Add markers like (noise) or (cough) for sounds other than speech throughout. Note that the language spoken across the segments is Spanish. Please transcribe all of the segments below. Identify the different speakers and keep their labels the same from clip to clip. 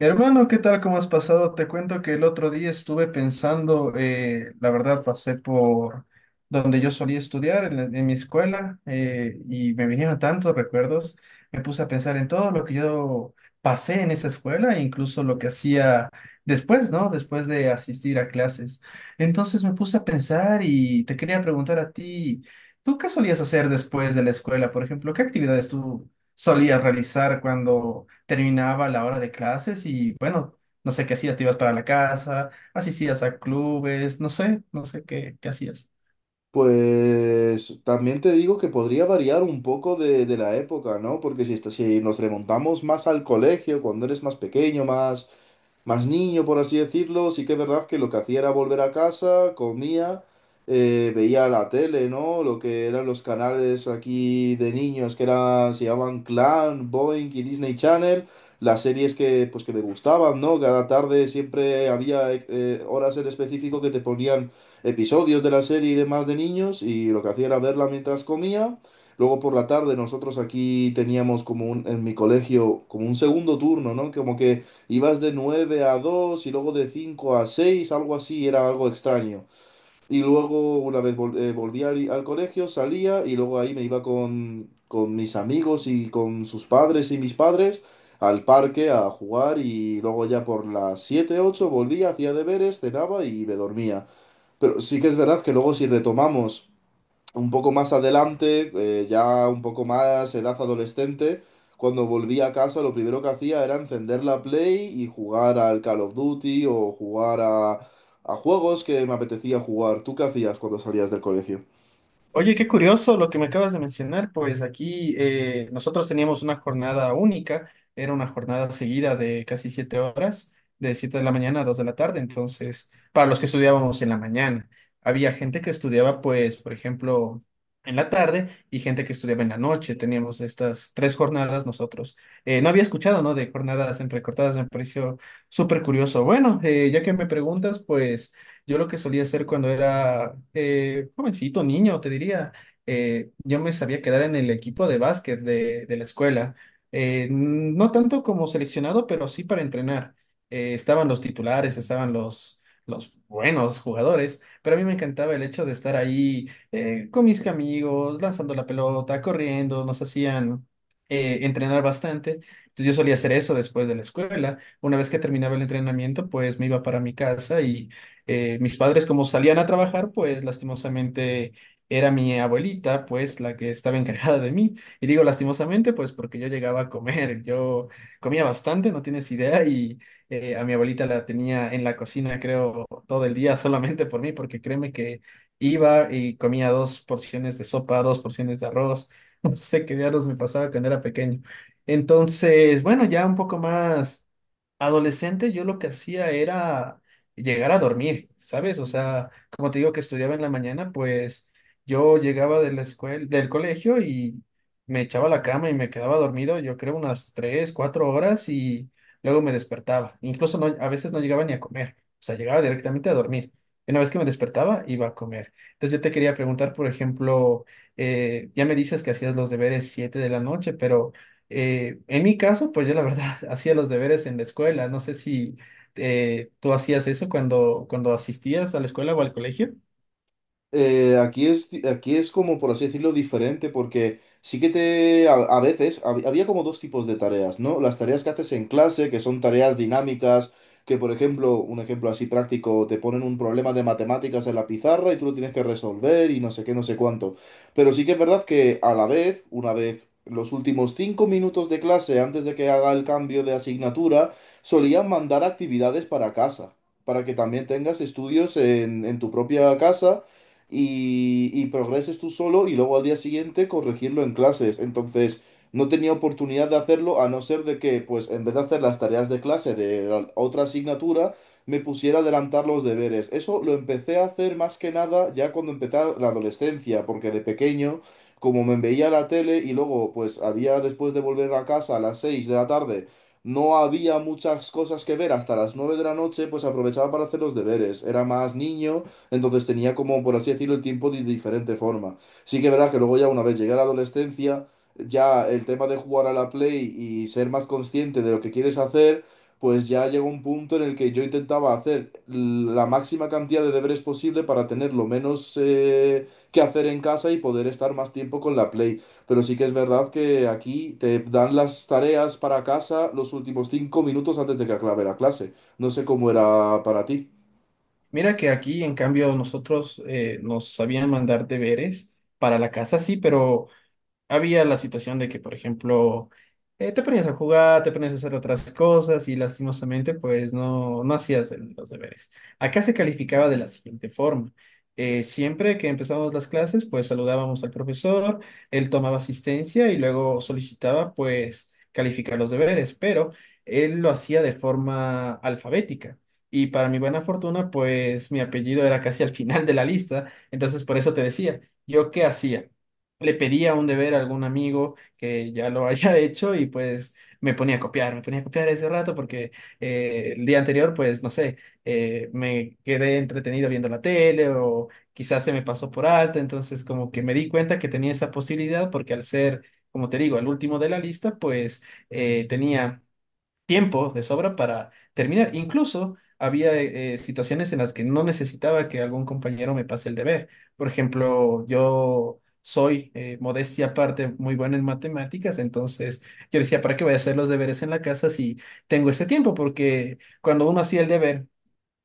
Speaker 1: Hermano, ¿qué tal? ¿Cómo has pasado? Te cuento que el otro día estuve pensando, la verdad, pasé por donde yo solía estudiar, en mi escuela, y me vinieron tantos recuerdos, me puse a pensar en todo lo que yo pasé en esa escuela, e incluso lo que hacía después, ¿no? Después de asistir a clases. Entonces me puse a pensar y te quería preguntar a ti, ¿tú qué solías hacer después de la escuela? Por ejemplo, ¿qué actividades tú solías realizar cuando terminaba la hora de clases y bueno, no sé qué hacías, te ibas para la casa, asistías a clubes, no sé, qué hacías.
Speaker 2: Pues también te digo que podría variar un poco de la época, ¿no? Porque si nos remontamos más al colegio, cuando eres más pequeño, más niño, por así decirlo, sí que es verdad que lo que hacía era volver a casa, comía, veía la tele, ¿no? Lo que eran los canales aquí de niños, que eran, se llamaban Clan, Boing y Disney Channel, las series que, pues, que me gustaban, ¿no? Cada tarde siempre había horas en específico que te ponían episodios de la serie y demás de niños y lo que hacía era verla mientras comía. Luego por la tarde nosotros aquí teníamos como un, en mi colegio como un segundo turno, ¿no? Como que ibas de 9 a 2 y luego de 5 a 6 algo así, era algo extraño. Y luego una vez volví al colegio, salía y luego ahí me iba con mis amigos y con sus padres y mis padres al parque a jugar y luego ya por las 7 8 volvía, hacía deberes, cenaba y me dormía. Pero sí que es verdad que luego si retomamos un poco más adelante, ya un poco más edad adolescente, cuando volví a casa lo primero que hacía era encender la Play y jugar al Call of Duty o jugar a juegos que me apetecía jugar. ¿Tú qué hacías cuando salías del colegio?
Speaker 1: Oye, qué curioso lo que me acabas de mencionar, pues aquí nosotros teníamos una jornada única, era una jornada seguida de casi 7 horas, de 7 de la mañana a 2 de la tarde. Entonces, para los que estudiábamos en la mañana, había gente que estudiaba, pues, por ejemplo, en la tarde, y gente que estudiaba en la noche. Teníamos estas tres jornadas nosotros. No había escuchado, ¿no? De jornadas entrecortadas, me pareció súper curioso. Bueno, ya que me preguntas, pues... Yo lo que solía hacer cuando era jovencito, niño, te diría, yo me sabía quedar en el equipo de básquet de la escuela. No tanto como seleccionado, pero sí para entrenar. Estaban los titulares, estaban los buenos jugadores, pero a mí me encantaba el hecho de estar ahí con mis amigos, lanzando la pelota, corriendo, nos hacían entrenar bastante. Entonces yo solía hacer eso después de la escuela. Una vez que terminaba el entrenamiento, pues me iba para mi casa y mis padres, como salían a trabajar, pues lastimosamente era mi abuelita pues la que estaba encargada de mí. Y digo lastimosamente pues porque yo llegaba a comer, yo comía bastante, no tienes idea, y a mi abuelita la tenía en la cocina, creo, todo el día solamente por mí, porque créeme que iba y comía 2 porciones de sopa, 2 porciones de arroz. (laughs) No sé qué diablos me pasaba cuando era pequeño. Entonces, bueno, ya un poco más adolescente, yo lo que hacía era llegar a dormir, ¿sabes? O sea, como te digo que estudiaba en la mañana, pues yo llegaba de la escuela, del colegio, y me echaba a la cama y me quedaba dormido, yo creo unas tres, cuatro horas, y luego me despertaba. Incluso no, a veces no llegaba ni a comer, o sea, llegaba directamente a dormir. Y una vez que me despertaba, iba a comer. Entonces yo te quería preguntar, por ejemplo, ya me dices que hacías los deberes 7 de la noche, pero... En mi caso, pues yo la verdad (laughs) hacía los deberes en la escuela. No sé si tú hacías eso cuando asistías a la escuela o al colegio.
Speaker 2: Aquí es como, por así decirlo, diferente, porque sí que a veces, había como dos tipos de tareas, ¿no? Las tareas que haces en clase, que son tareas dinámicas, que por ejemplo, un ejemplo así práctico, te ponen un problema de matemáticas en la pizarra y tú lo tienes que resolver y no sé qué, no sé cuánto. Pero sí que es verdad que a la vez, una vez, los últimos 5 minutos de clase, antes de que haga el cambio de asignatura, solían mandar actividades para casa, para que también tengas estudios en tu propia casa y progreses tú solo y luego al día siguiente corregirlo en clases. Entonces, no tenía oportunidad de hacerlo a no ser de que, pues, en vez de hacer las tareas de clase de la otra asignatura, me pusiera a adelantar los deberes. Eso lo empecé a hacer más que nada ya cuando empecé la adolescencia, porque de pequeño, como me veía la tele y luego, pues, había después de volver a casa a las 6 de la tarde, no había muchas cosas que ver hasta las 9 de la noche, pues aprovechaba para hacer los deberes. Era más niño, entonces tenía como, por así decirlo, el tiempo de diferente forma. Sí que verás que luego ya una vez llegué a la adolescencia, ya el tema de jugar a la Play y ser más consciente de lo que quieres hacer, pues ya llegó un punto en el que yo intentaba hacer la máxima cantidad de deberes posible para tener lo menos que hacer en casa y poder estar más tiempo con la Play. Pero sí que es verdad que aquí te dan las tareas para casa los últimos 5 minutos antes de que acabe la clase. No sé cómo era para ti.
Speaker 1: Mira que aquí, en cambio, nosotros nos sabían mandar deberes para la casa, sí, pero había la situación de que, por ejemplo, te ponías a jugar, te ponías a hacer otras cosas y lastimosamente, pues no, no hacías los deberes. Acá se calificaba de la siguiente forma. Siempre que empezábamos las clases, pues saludábamos al profesor, él tomaba asistencia y luego solicitaba, pues, calificar los deberes, pero él lo hacía de forma alfabética. Y para mi buena fortuna, pues mi apellido era casi al final de la lista, entonces por eso te decía, ¿yo qué hacía? Le pedía un deber a algún amigo que ya lo haya (laughs) hecho y pues me ponía a copiar, me ponía a copiar ese rato porque el día anterior pues no sé, me quedé entretenido viendo la tele o quizás se me pasó por alto. Entonces como que me di cuenta que tenía esa posibilidad, porque al ser, como te digo, el último de la lista, pues tenía tiempo de sobra para terminar. Incluso había situaciones en las que no necesitaba que algún compañero me pase el deber. Por ejemplo, yo soy, modestia aparte, muy bueno en matemáticas, entonces yo decía, ¿para qué voy a hacer los deberes en la casa si tengo este tiempo? Porque cuando uno hacía el deber,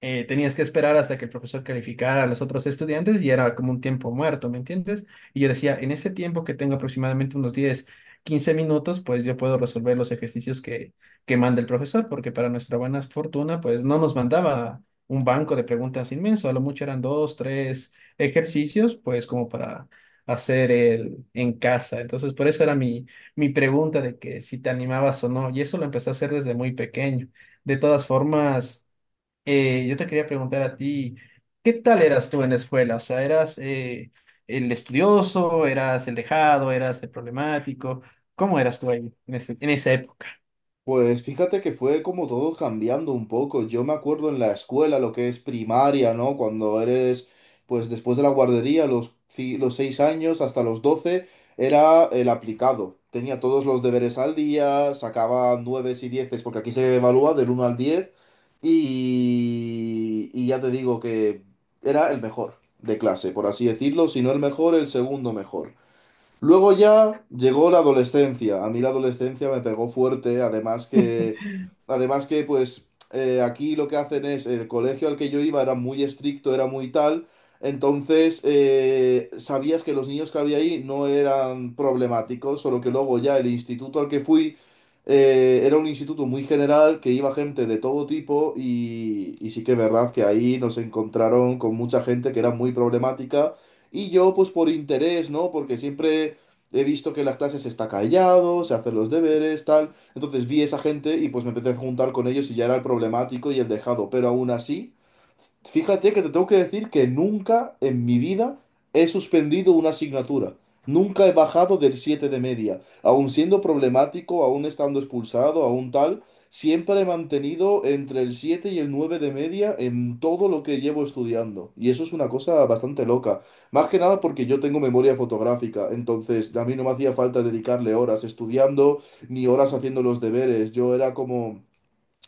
Speaker 1: tenías que esperar hasta que el profesor calificara a los otros estudiantes y era como un tiempo muerto, ¿me entiendes? Y yo decía, en ese tiempo que tengo, aproximadamente unos 10, 15 minutos, pues yo puedo resolver los ejercicios que manda el profesor, porque para nuestra buena fortuna, pues no nos mandaba un banco de preguntas inmenso, a lo mucho eran dos, tres ejercicios, pues como para hacer el en casa. Entonces, por eso era mi pregunta de que si te animabas o no, y eso lo empecé a hacer desde muy pequeño. De todas formas, yo te quería preguntar a ti, ¿qué tal eras tú en la escuela? O sea, ¿eras el estudioso, eras el dejado, eras el problemático? ¿Cómo eras tú ahí en esa?
Speaker 2: Pues fíjate que fue como todo cambiando un poco. Yo me acuerdo en la escuela, lo que es primaria, ¿no? Cuando eres, pues después de la guardería, los 6 años hasta los 12 era el aplicado. Tenía todos los deberes al día, sacaba nueves y dieces, porque aquí se evalúa del 1 al 10 y ya te digo que era el mejor de clase, por así decirlo, si no el mejor, el segundo mejor. Luego ya llegó la adolescencia. A mí la adolescencia me pegó fuerte, además que pues aquí lo que hacen es, el colegio al que yo iba era muy estricto, era muy tal, entonces sabías que los niños que había ahí no eran problemáticos, solo que luego ya el instituto al que fui era un instituto muy general, que iba gente de todo tipo y sí que es verdad que ahí nos encontraron con mucha gente que era muy problemática. Y yo, pues por interés, ¿no? Porque siempre he visto que en las clases está callado, se hace los deberes, tal. Entonces vi esa gente y pues me empecé a juntar con ellos y ya era el problemático y el dejado. Pero aún así, fíjate que te tengo que decir que nunca en mi vida he suspendido una asignatura. Nunca he bajado del 7 de media. Aún siendo problemático, aún estando expulsado, aún tal, siempre he mantenido entre el 7 y el 9 de media en todo lo que llevo estudiando. Y eso es una cosa bastante loca. Más que nada porque yo tengo memoria fotográfica, entonces a mí no me hacía falta dedicarle horas estudiando ni horas haciendo los deberes. Yo era como,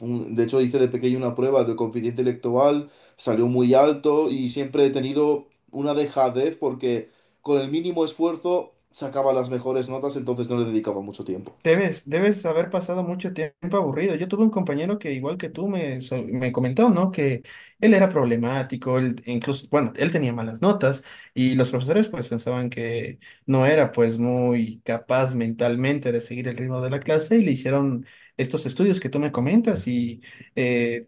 Speaker 2: de hecho hice de pequeño una prueba de coeficiente intelectual, salió muy alto y siempre he tenido una dejadez porque con el mínimo esfuerzo sacaba las mejores notas, entonces no le dedicaba mucho tiempo.
Speaker 1: Debes, debes haber pasado mucho tiempo aburrido. Yo tuve un compañero que, igual que tú, me comentó, ¿no? Que él era problemático. Él, incluso, bueno, él tenía malas notas y los profesores pues pensaban que no era pues muy capaz mentalmente de seguir el ritmo de la clase, y le hicieron estos estudios que tú me comentas y eh,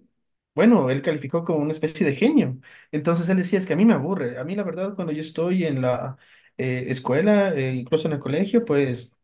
Speaker 1: bueno, él calificó como una especie de genio. Entonces él decía, es que a mí me aburre. A mí la verdad, cuando yo estoy en la escuela, incluso en el colegio, pues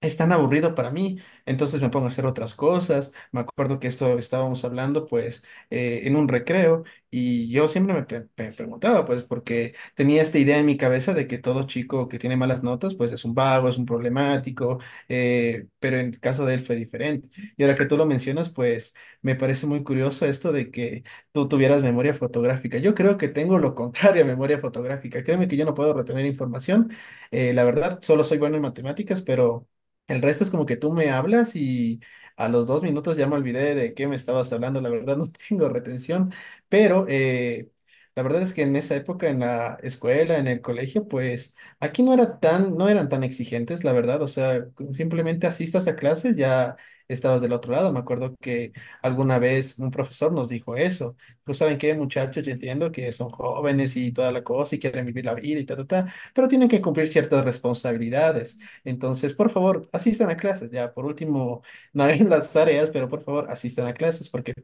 Speaker 1: es tan aburrido para mí. Entonces me pongo a hacer otras cosas. Me acuerdo que esto estábamos hablando pues en un recreo, y yo siempre preguntaba pues, porque tenía esta idea en mi cabeza de que todo chico que tiene malas notas pues es un vago, es un problemático, pero en el caso de él fue diferente. Y ahora que tú lo mencionas, pues me parece muy curioso esto de que tú tuvieras memoria fotográfica. Yo creo que tengo lo (laughs) contrario a memoria fotográfica. Créeme que yo no puedo retener información. La verdad, solo soy bueno en matemáticas, pero el resto es como que tú me hablas y a los 2 minutos ya me olvidé de qué me estabas hablando. La verdad, no (laughs) tengo retención, pero... La verdad es que en esa época, en la escuela, en el colegio, pues aquí no eran tan exigentes, la verdad. O sea, simplemente asistas a clases, ya estabas del otro lado. Me acuerdo que alguna vez un profesor nos dijo eso, que saben qué, muchachos, yo entiendo que son jóvenes y toda la cosa y quieren vivir la vida y ta, ta, ta, pero tienen que cumplir ciertas responsabilidades. Entonces, por favor, asistan a clases. Ya, por último, (laughs) no hagan las tareas, pero por favor, asistan a clases porque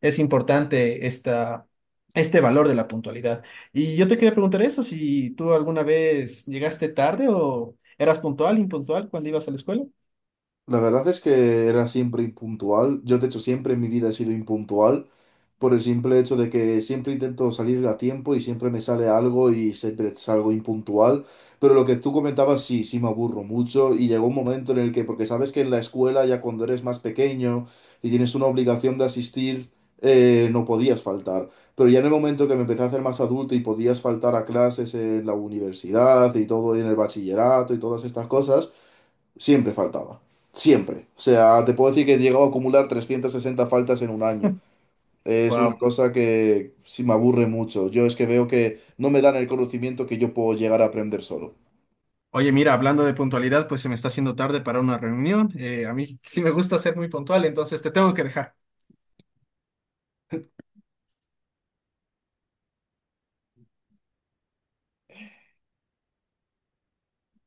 Speaker 1: es importante este valor de la puntualidad. Y yo te quería preguntar eso, si tú alguna vez llegaste tarde o eras puntual, impuntual cuando ibas a la escuela.
Speaker 2: La verdad es que era siempre impuntual. Yo, de hecho, siempre en mi vida he sido impuntual por el simple hecho de que siempre intento salir a tiempo y siempre me sale algo y siempre salgo impuntual. Pero lo que tú comentabas, sí, sí me aburro mucho y llegó un momento en el que, porque sabes que en la escuela ya cuando eres más pequeño y tienes una obligación de asistir, no podías faltar. Pero ya en el momento que me empecé a hacer más adulto y podías faltar a clases en la universidad y todo, y en el bachillerato y todas estas cosas. Siempre faltaba. Siempre. O sea, te puedo decir que he llegado a acumular 360 faltas en un año. Es una
Speaker 1: Wow.
Speaker 2: cosa que sí me aburre mucho. Yo es que veo que no me dan el conocimiento que yo puedo llegar a aprender solo.
Speaker 1: Oye, mira, hablando de puntualidad, pues se me está haciendo tarde para una reunión. A mí sí me gusta ser muy puntual, entonces te tengo que dejar.